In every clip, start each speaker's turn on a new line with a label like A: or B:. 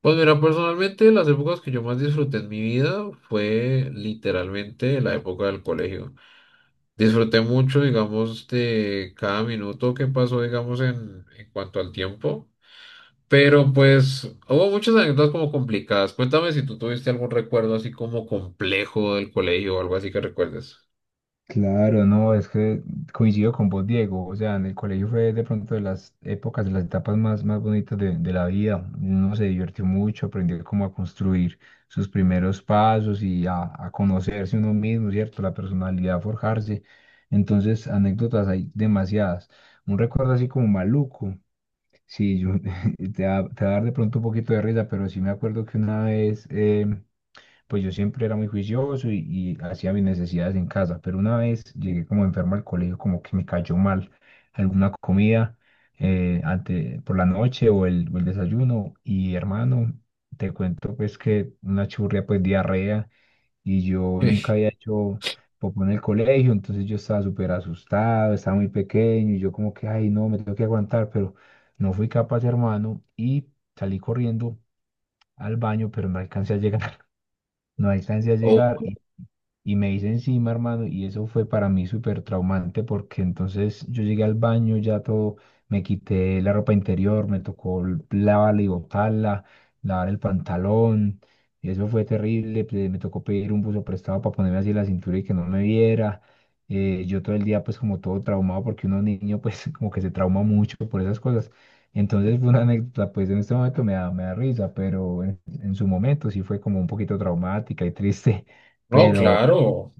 A: Pues mira, personalmente las épocas que yo más disfruté en mi vida fue literalmente la época del colegio. Disfruté mucho, digamos, de cada minuto que pasó, digamos, en cuanto al tiempo. Pero pues hubo muchas anécdotas como complicadas. Cuéntame si tú tuviste algún recuerdo así como complejo del colegio o algo así que recuerdes.
B: Claro, no, es que coincido con vos, Diego. O sea, en el colegio fue de pronto de las épocas, de las etapas más bonitas de la vida. Uno se divirtió mucho, aprendió cómo a construir sus primeros pasos y a conocerse uno mismo, ¿cierto? La personalidad, forjarse. Entonces, anécdotas hay demasiadas. Un recuerdo así como maluco. Sí, yo, te va a dar de pronto un poquito de risa, pero sí me acuerdo que una vez. Pues yo siempre era muy juicioso y hacía mis necesidades en casa, pero una vez llegué como enfermo al colegio, como que me cayó mal alguna comida, por la noche o o el desayuno, y hermano, te cuento pues que una churria, pues diarrea, y yo nunca
A: Sí.
B: había hecho popó en el colegio. Entonces yo estaba súper asustado, estaba muy pequeño y yo como que, ay no, me tengo que aguantar, pero no fui capaz, hermano, y salí corriendo al baño, pero no alcancé a llegar. No alcancé a
A: Oh,
B: llegar y me hice encima, hermano, y eso fue para mí súper traumante, porque entonces yo llegué al baño, ya todo, me quité la ropa interior, me tocó lavarla y botarla, lavar el pantalón, y eso fue terrible. Me tocó pedir un buzo prestado para ponerme así la cintura y que no me viera. Yo todo el día pues como todo traumado, porque uno niño pues como que se trauma mucho por esas cosas. Entonces fue una anécdota, pues en este momento me da risa, pero en su momento sí fue como un poquito traumática y triste.
A: no,
B: Pero
A: claro.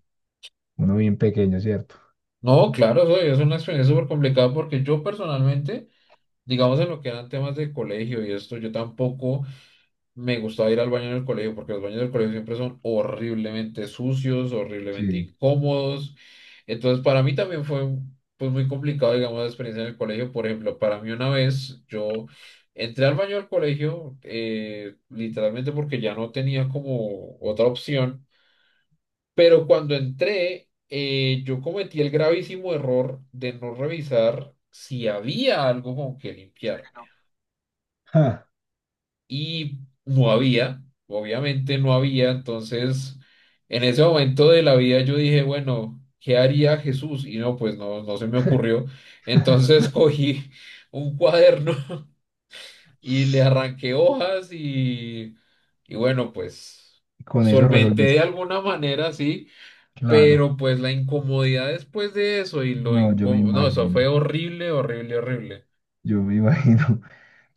B: uno bien pequeño, ¿cierto?
A: No, claro, eso es una experiencia súper complicada porque yo personalmente, digamos en lo que eran temas de colegio y esto, yo tampoco. Me gustaba ir al baño en el colegio porque los baños del colegio siempre son horriblemente sucios, horriblemente
B: Sí.
A: incómodos. Entonces, para mí también fue pues, muy complicado, digamos, la experiencia en el colegio. Por ejemplo, para mí una vez yo entré al baño del colegio literalmente porque ya no tenía como otra opción. Pero cuando entré, yo cometí el gravísimo error de no revisar si había algo con que limpiarme.
B: Ja.
A: Y no había, obviamente no había, entonces en ese momento de la vida yo dije, bueno, ¿qué haría Jesús? Y no, pues no, no se me ocurrió, entonces cogí un cuaderno y le arranqué hojas y bueno, pues
B: Con eso
A: solventé de
B: resolviste.
A: alguna manera, sí,
B: Claro.
A: pero pues la incomodidad después de eso y lo
B: No, yo me
A: incó- no, eso fue
B: imagino.
A: horrible, horrible, horrible.
B: Yo me imagino.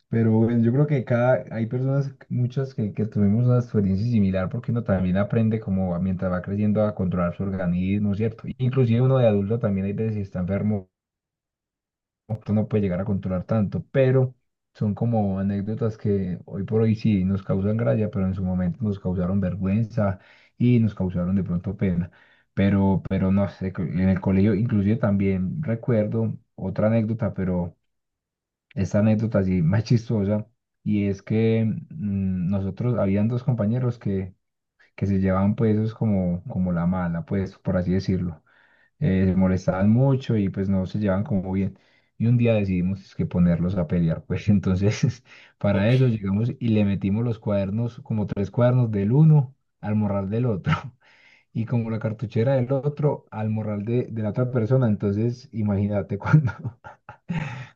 B: Pero bueno, yo creo que hay personas, muchas que tuvimos una experiencia similar, porque uno también aprende como mientras va creciendo a controlar su organismo, ¿cierto? Inclusive uno de adulto también hay veces, si está enfermo tú no puedes llegar a controlar tanto, pero son como anécdotas que hoy por hoy sí nos causan gracia, pero en su momento nos causaron vergüenza y nos causaron de pronto pena. Pero no sé, en el colegio inclusive también recuerdo otra anécdota, pero esta anécdota sí más chistosa, y es que nosotros, habían dos compañeros que se llevaban, pues eso es como, como la mala, pues por así decirlo. Se molestaban mucho y pues no se llevaban como bien. Y un día decidimos es que ponerlos a pelear, pues entonces para
A: Ok,
B: eso llegamos y le metimos los cuadernos, como tres cuadernos del uno al morral del otro. Y como la cartuchera del otro al morral de la otra persona, entonces imagínate cuando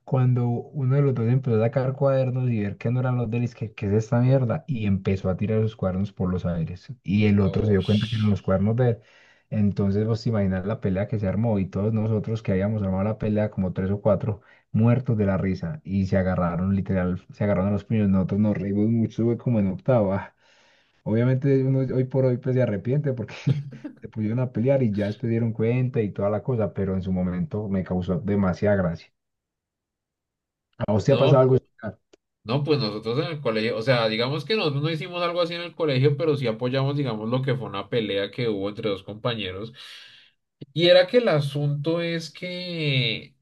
B: uno de los dos empezó a sacar cuadernos y ver que no eran los de él, es que, ¿qué es esta mierda? Y empezó a tirar los cuadernos por los aires. Y el otro se
A: oh,
B: dio cuenta que eran los cuadernos de él. Entonces, vos te imaginas la pelea que se armó, y todos nosotros que habíamos armado la pelea, como tres o cuatro, muertos de la risa. Y se agarraron, literal, se agarraron a los puños. Nosotros nos reímos mucho, fue como en octava. Obviamente, uno hoy por hoy pues se arrepiente porque se pusieron a pelear y ya después dieron cuenta y toda la cosa, pero en su momento me causó demasiada gracia. ¿A usted ha pasado
A: no.
B: algo similar?
A: No, pues nosotros en el colegio, o sea, digamos que nosotros no hicimos algo así en el colegio, pero sí apoyamos, digamos, lo que fue una pelea que hubo entre dos compañeros. Y era que el asunto es que,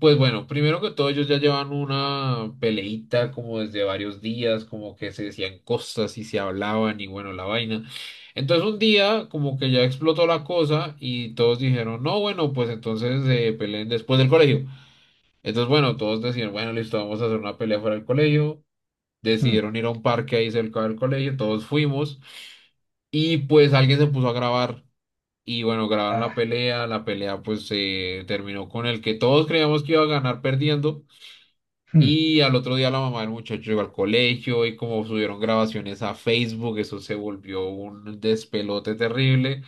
A: pues bueno, primero que todo, ellos ya llevan una peleita como desde varios días, como que se decían cosas y se hablaban y bueno, la vaina. Entonces un día como que ya explotó la cosa y todos dijeron, no, bueno, pues entonces peleen después del colegio. Entonces, bueno, todos decían, bueno, listo, vamos a hacer una pelea fuera del colegio,
B: Hmm,
A: decidieron ir a un parque ahí cerca del colegio, todos fuimos y pues alguien se puso a grabar y bueno, grabaron
B: Ah,
A: la pelea pues se terminó con el que todos creíamos que iba a ganar perdiendo,
B: hmm,
A: y al otro día la mamá del muchacho llegó al colegio y como subieron grabaciones a Facebook, eso se volvió un despelote terrible.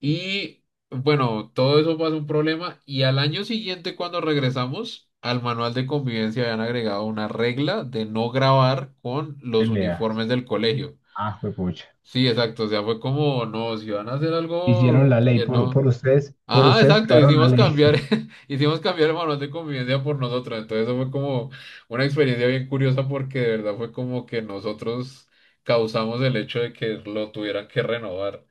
A: Y bueno, todo eso pasa un problema y al año siguiente cuando regresamos al manual de convivencia habían agregado una regla de no grabar con los
B: Peleas.
A: uniformes del colegio.
B: Ah, juepucha.
A: Sí, exacto, o sea, fue como, no, si van a hacer algo
B: Hicieron la ley
A: que no.
B: por
A: Ajá,
B: ustedes
A: exacto,
B: crearon la
A: hicimos
B: ley.
A: cambiar, hicimos cambiar el manual de convivencia por nosotros, entonces eso fue como una experiencia bien curiosa porque de verdad fue como que nosotros causamos el hecho de que lo tuvieran que renovar.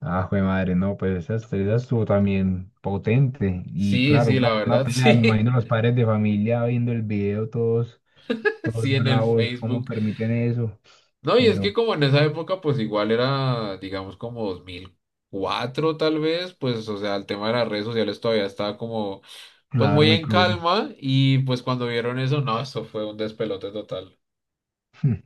B: Ah, jue madre, no, pues esa estuvo también potente. Y
A: Sí,
B: claro,
A: sí, la
B: una
A: verdad,
B: pelea, me
A: sí.
B: imagino los padres de familia viendo el video, todos, todos
A: Sí, en el
B: bravos, cómo
A: Facebook.
B: permiten eso.
A: No, y es que
B: Pero
A: como en esa época, pues igual era, digamos, como 2004 tal vez, pues, o sea, el tema de las redes sociales todavía estaba como, pues
B: claro,
A: muy
B: muy
A: en
B: crudo.
A: calma y pues cuando vieron eso, no, eso fue un despelote total.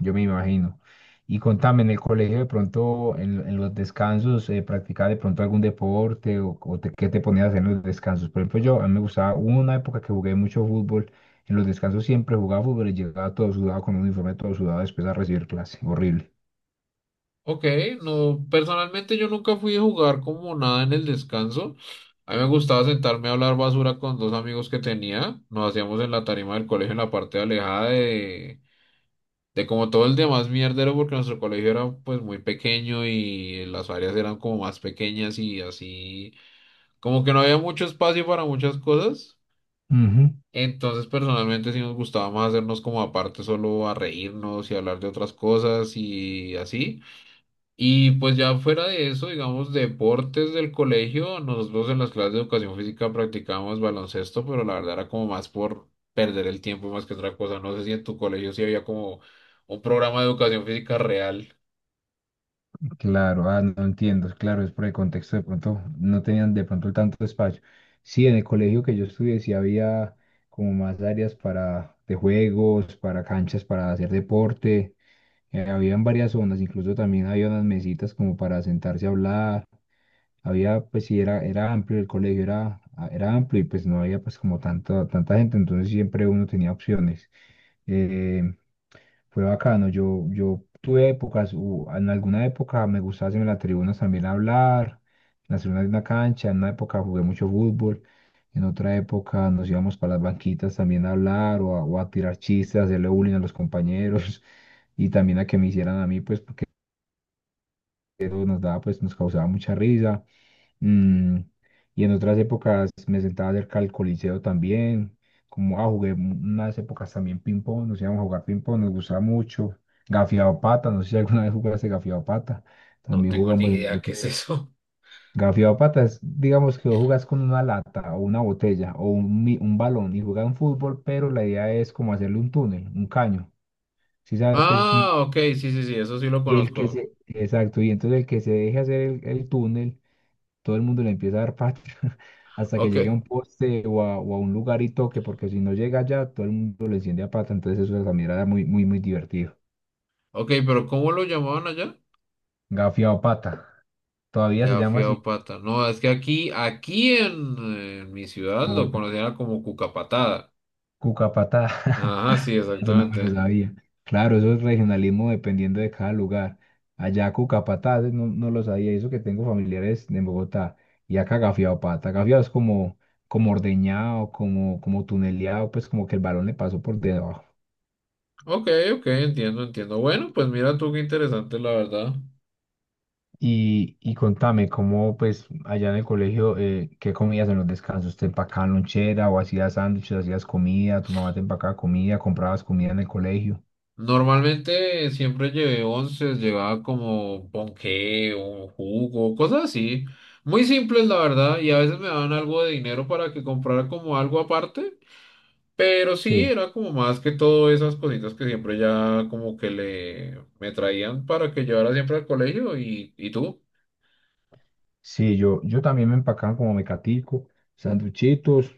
B: Yo me imagino. Y contame, en el colegio de pronto, en los descansos, ¿practicabas de pronto algún deporte o, qué te ponías a hacer en los descansos? Por ejemplo, yo, a mí me gustaba, hubo una época que jugué mucho fútbol, en los descansos siempre jugaba fútbol y llegaba todo sudado con un uniforme todo sudado después a recibir clase, horrible.
A: Ok, no, personalmente yo nunca fui a jugar como nada en el descanso. A mí me gustaba sentarme a hablar basura con dos amigos que tenía. Nos hacíamos en la tarima del colegio en la parte alejada de como todo el demás mierdero, porque nuestro colegio era pues muy pequeño y las áreas eran como más pequeñas y así, como que no había mucho espacio para muchas cosas.
B: Ujú.
A: Entonces, personalmente sí nos gustaba más hacernos como aparte solo a reírnos y hablar de otras cosas y así. Y pues ya fuera de eso, digamos, deportes del colegio, nosotros en las clases de educación física practicábamos baloncesto, pero la verdad era como más por perder el tiempo más que otra cosa. No sé si en tu colegio sí había como un programa de educación física real.
B: Claro, ah, no entiendo, claro, es por el contexto, de pronto no tenían de pronto tanto espacio. Sí, en el colegio que yo estudié sí había como más áreas para de juegos, para canchas, para hacer deporte. Habían varias zonas, incluso también había unas mesitas como para sentarse a hablar, había, pues sí, era amplio el colegio, ah, era amplio y pues no había pues como tanta gente, entonces siempre uno tenía opciones. Eh, Fue bacano, yo tuve épocas, en alguna época me gustaba hacerme en las tribunas también hablar, en las tribunas de una cancha, en una época jugué mucho fútbol, en otra época nos íbamos para las banquitas también a hablar o o a tirar chistes, a hacerle bullying a los compañeros y también a que me hicieran a mí, pues porque eso nos daba, pues nos causaba mucha risa. Mm, y en otras épocas me sentaba cerca del Coliseo también, como ah, jugué unas épocas también ping-pong, nos íbamos a jugar ping-pong, nos gustaba mucho. Gafiado pata, no sé si alguna vez jugaste gafiado pata,
A: No
B: también
A: tengo ni
B: jugamos en el
A: idea qué es
B: recreo.
A: eso.
B: Gafiado pata es, digamos que vos jugás con una lata o una botella o un, un balón y jugás un fútbol, pero la idea es como hacerle un túnel, un caño. Si sabes que es un...
A: Ah, ok, sí, sí, sí, eso sí lo
B: Y el que
A: conozco.
B: se... Exacto, y entonces el que se deje hacer el túnel, todo el mundo le empieza a dar patria hasta que
A: Ok,
B: llegue a un poste o a un lugar y toque, porque si no llega allá, todo el mundo le enciende a pata, entonces eso también era muy, muy, muy divertido.
A: ok, pero ¿cómo lo llamaban allá?
B: Gafiao pata, todavía se llama
A: Gafiao
B: así.
A: pata. No, es que aquí, en mi ciudad lo
B: Bogotá,
A: conocían como cucapatada.
B: cucapatá,
A: Ajá, sí,
B: eso no me
A: exactamente.
B: lo sabía. Claro, eso es regionalismo dependiendo de cada lugar. Allá cucapatá, ese no, no lo sabía, y eso que tengo familiares en Bogotá, y acá gafiao pata, gafiao es como, como ordeñado, como, como tuneleado, pues como que el balón le pasó por debajo.
A: Ok, ok, entiendo, entiendo. Bueno, pues mira tú qué interesante, la verdad.
B: Y contame, ¿cómo pues allá en el colegio, qué comías en los descansos? ¿Te empacaban lonchera o hacías sándwiches, hacías comida? ¿Tu mamá te empacaba comida? ¿Comprabas comida en el colegio?
A: Normalmente siempre llevé once, llevaba como ponqué o jugo, cosas así. Muy simples, la verdad, y a veces me daban algo de dinero para que comprara como algo aparte, pero sí,
B: Sí,
A: era como más que todo esas cositas que siempre ya como que le me traían para que llevara siempre al colegio y tú.
B: sí, yo también me empacaban como mecatico, sanduchitos,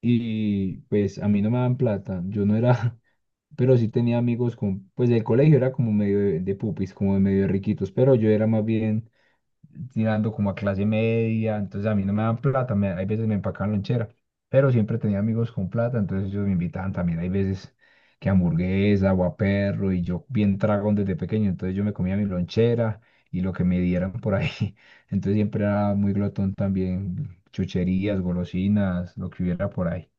B: y pues a mí no me daban plata, yo no era, pero sí tenía amigos con, pues el colegio era como medio de pupis, como de medio de riquitos, pero yo era más bien tirando como a clase media, entonces a mí no me dan plata, me, hay veces me empacaban lonchera, pero siempre tenía amigos con plata, entonces ellos me invitaban también, hay veces que hamburguesa, guaperro, y yo bien tragón desde pequeño, entonces yo me comía mi lonchera y lo que me dieran por ahí, entonces siempre era muy glotón también, chucherías, golosinas, lo que hubiera por ahí.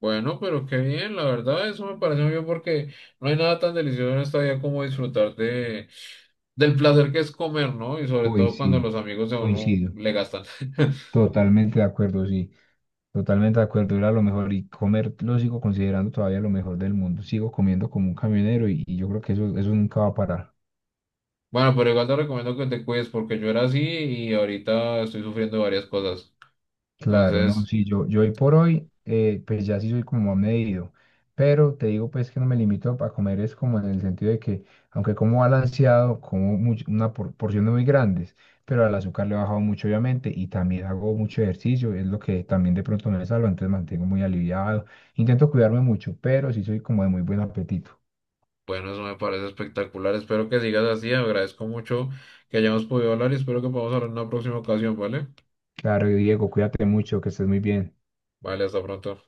A: Bueno, pero qué bien, la verdad, eso me parece muy bien porque no hay nada tan delicioso en esta vida como disfrutar de del placer que es comer, ¿no? Y sobre
B: Uy,
A: todo cuando
B: sí,
A: los amigos de uno
B: coincido,
A: le gastan.
B: totalmente de acuerdo, sí. Totalmente de acuerdo, era lo mejor, y comer lo sigo considerando todavía lo mejor del mundo. Sigo comiendo como un camionero y yo creo que eso nunca va a parar.
A: Bueno, pero igual te recomiendo que te cuides porque yo era así y ahorita estoy sufriendo varias cosas.
B: Claro, no,
A: Entonces,
B: sí, yo hoy por hoy, pues ya sí soy como más medido, pero te digo pues que no me limito a comer, es como en el sentido de que aunque como balanceado, como porciones muy grandes, pero al azúcar le he bajado mucho obviamente, y también hago mucho ejercicio, es lo que también de pronto me salva, entonces mantengo muy aliviado, intento cuidarme mucho, pero sí soy como de muy buen apetito.
A: bueno, eso me parece espectacular. Espero que sigas así. Agradezco mucho que hayamos podido hablar y espero que podamos hablar en una próxima ocasión, ¿vale?
B: Claro, Diego, cuídate mucho, que estés muy bien.
A: Vale, hasta pronto.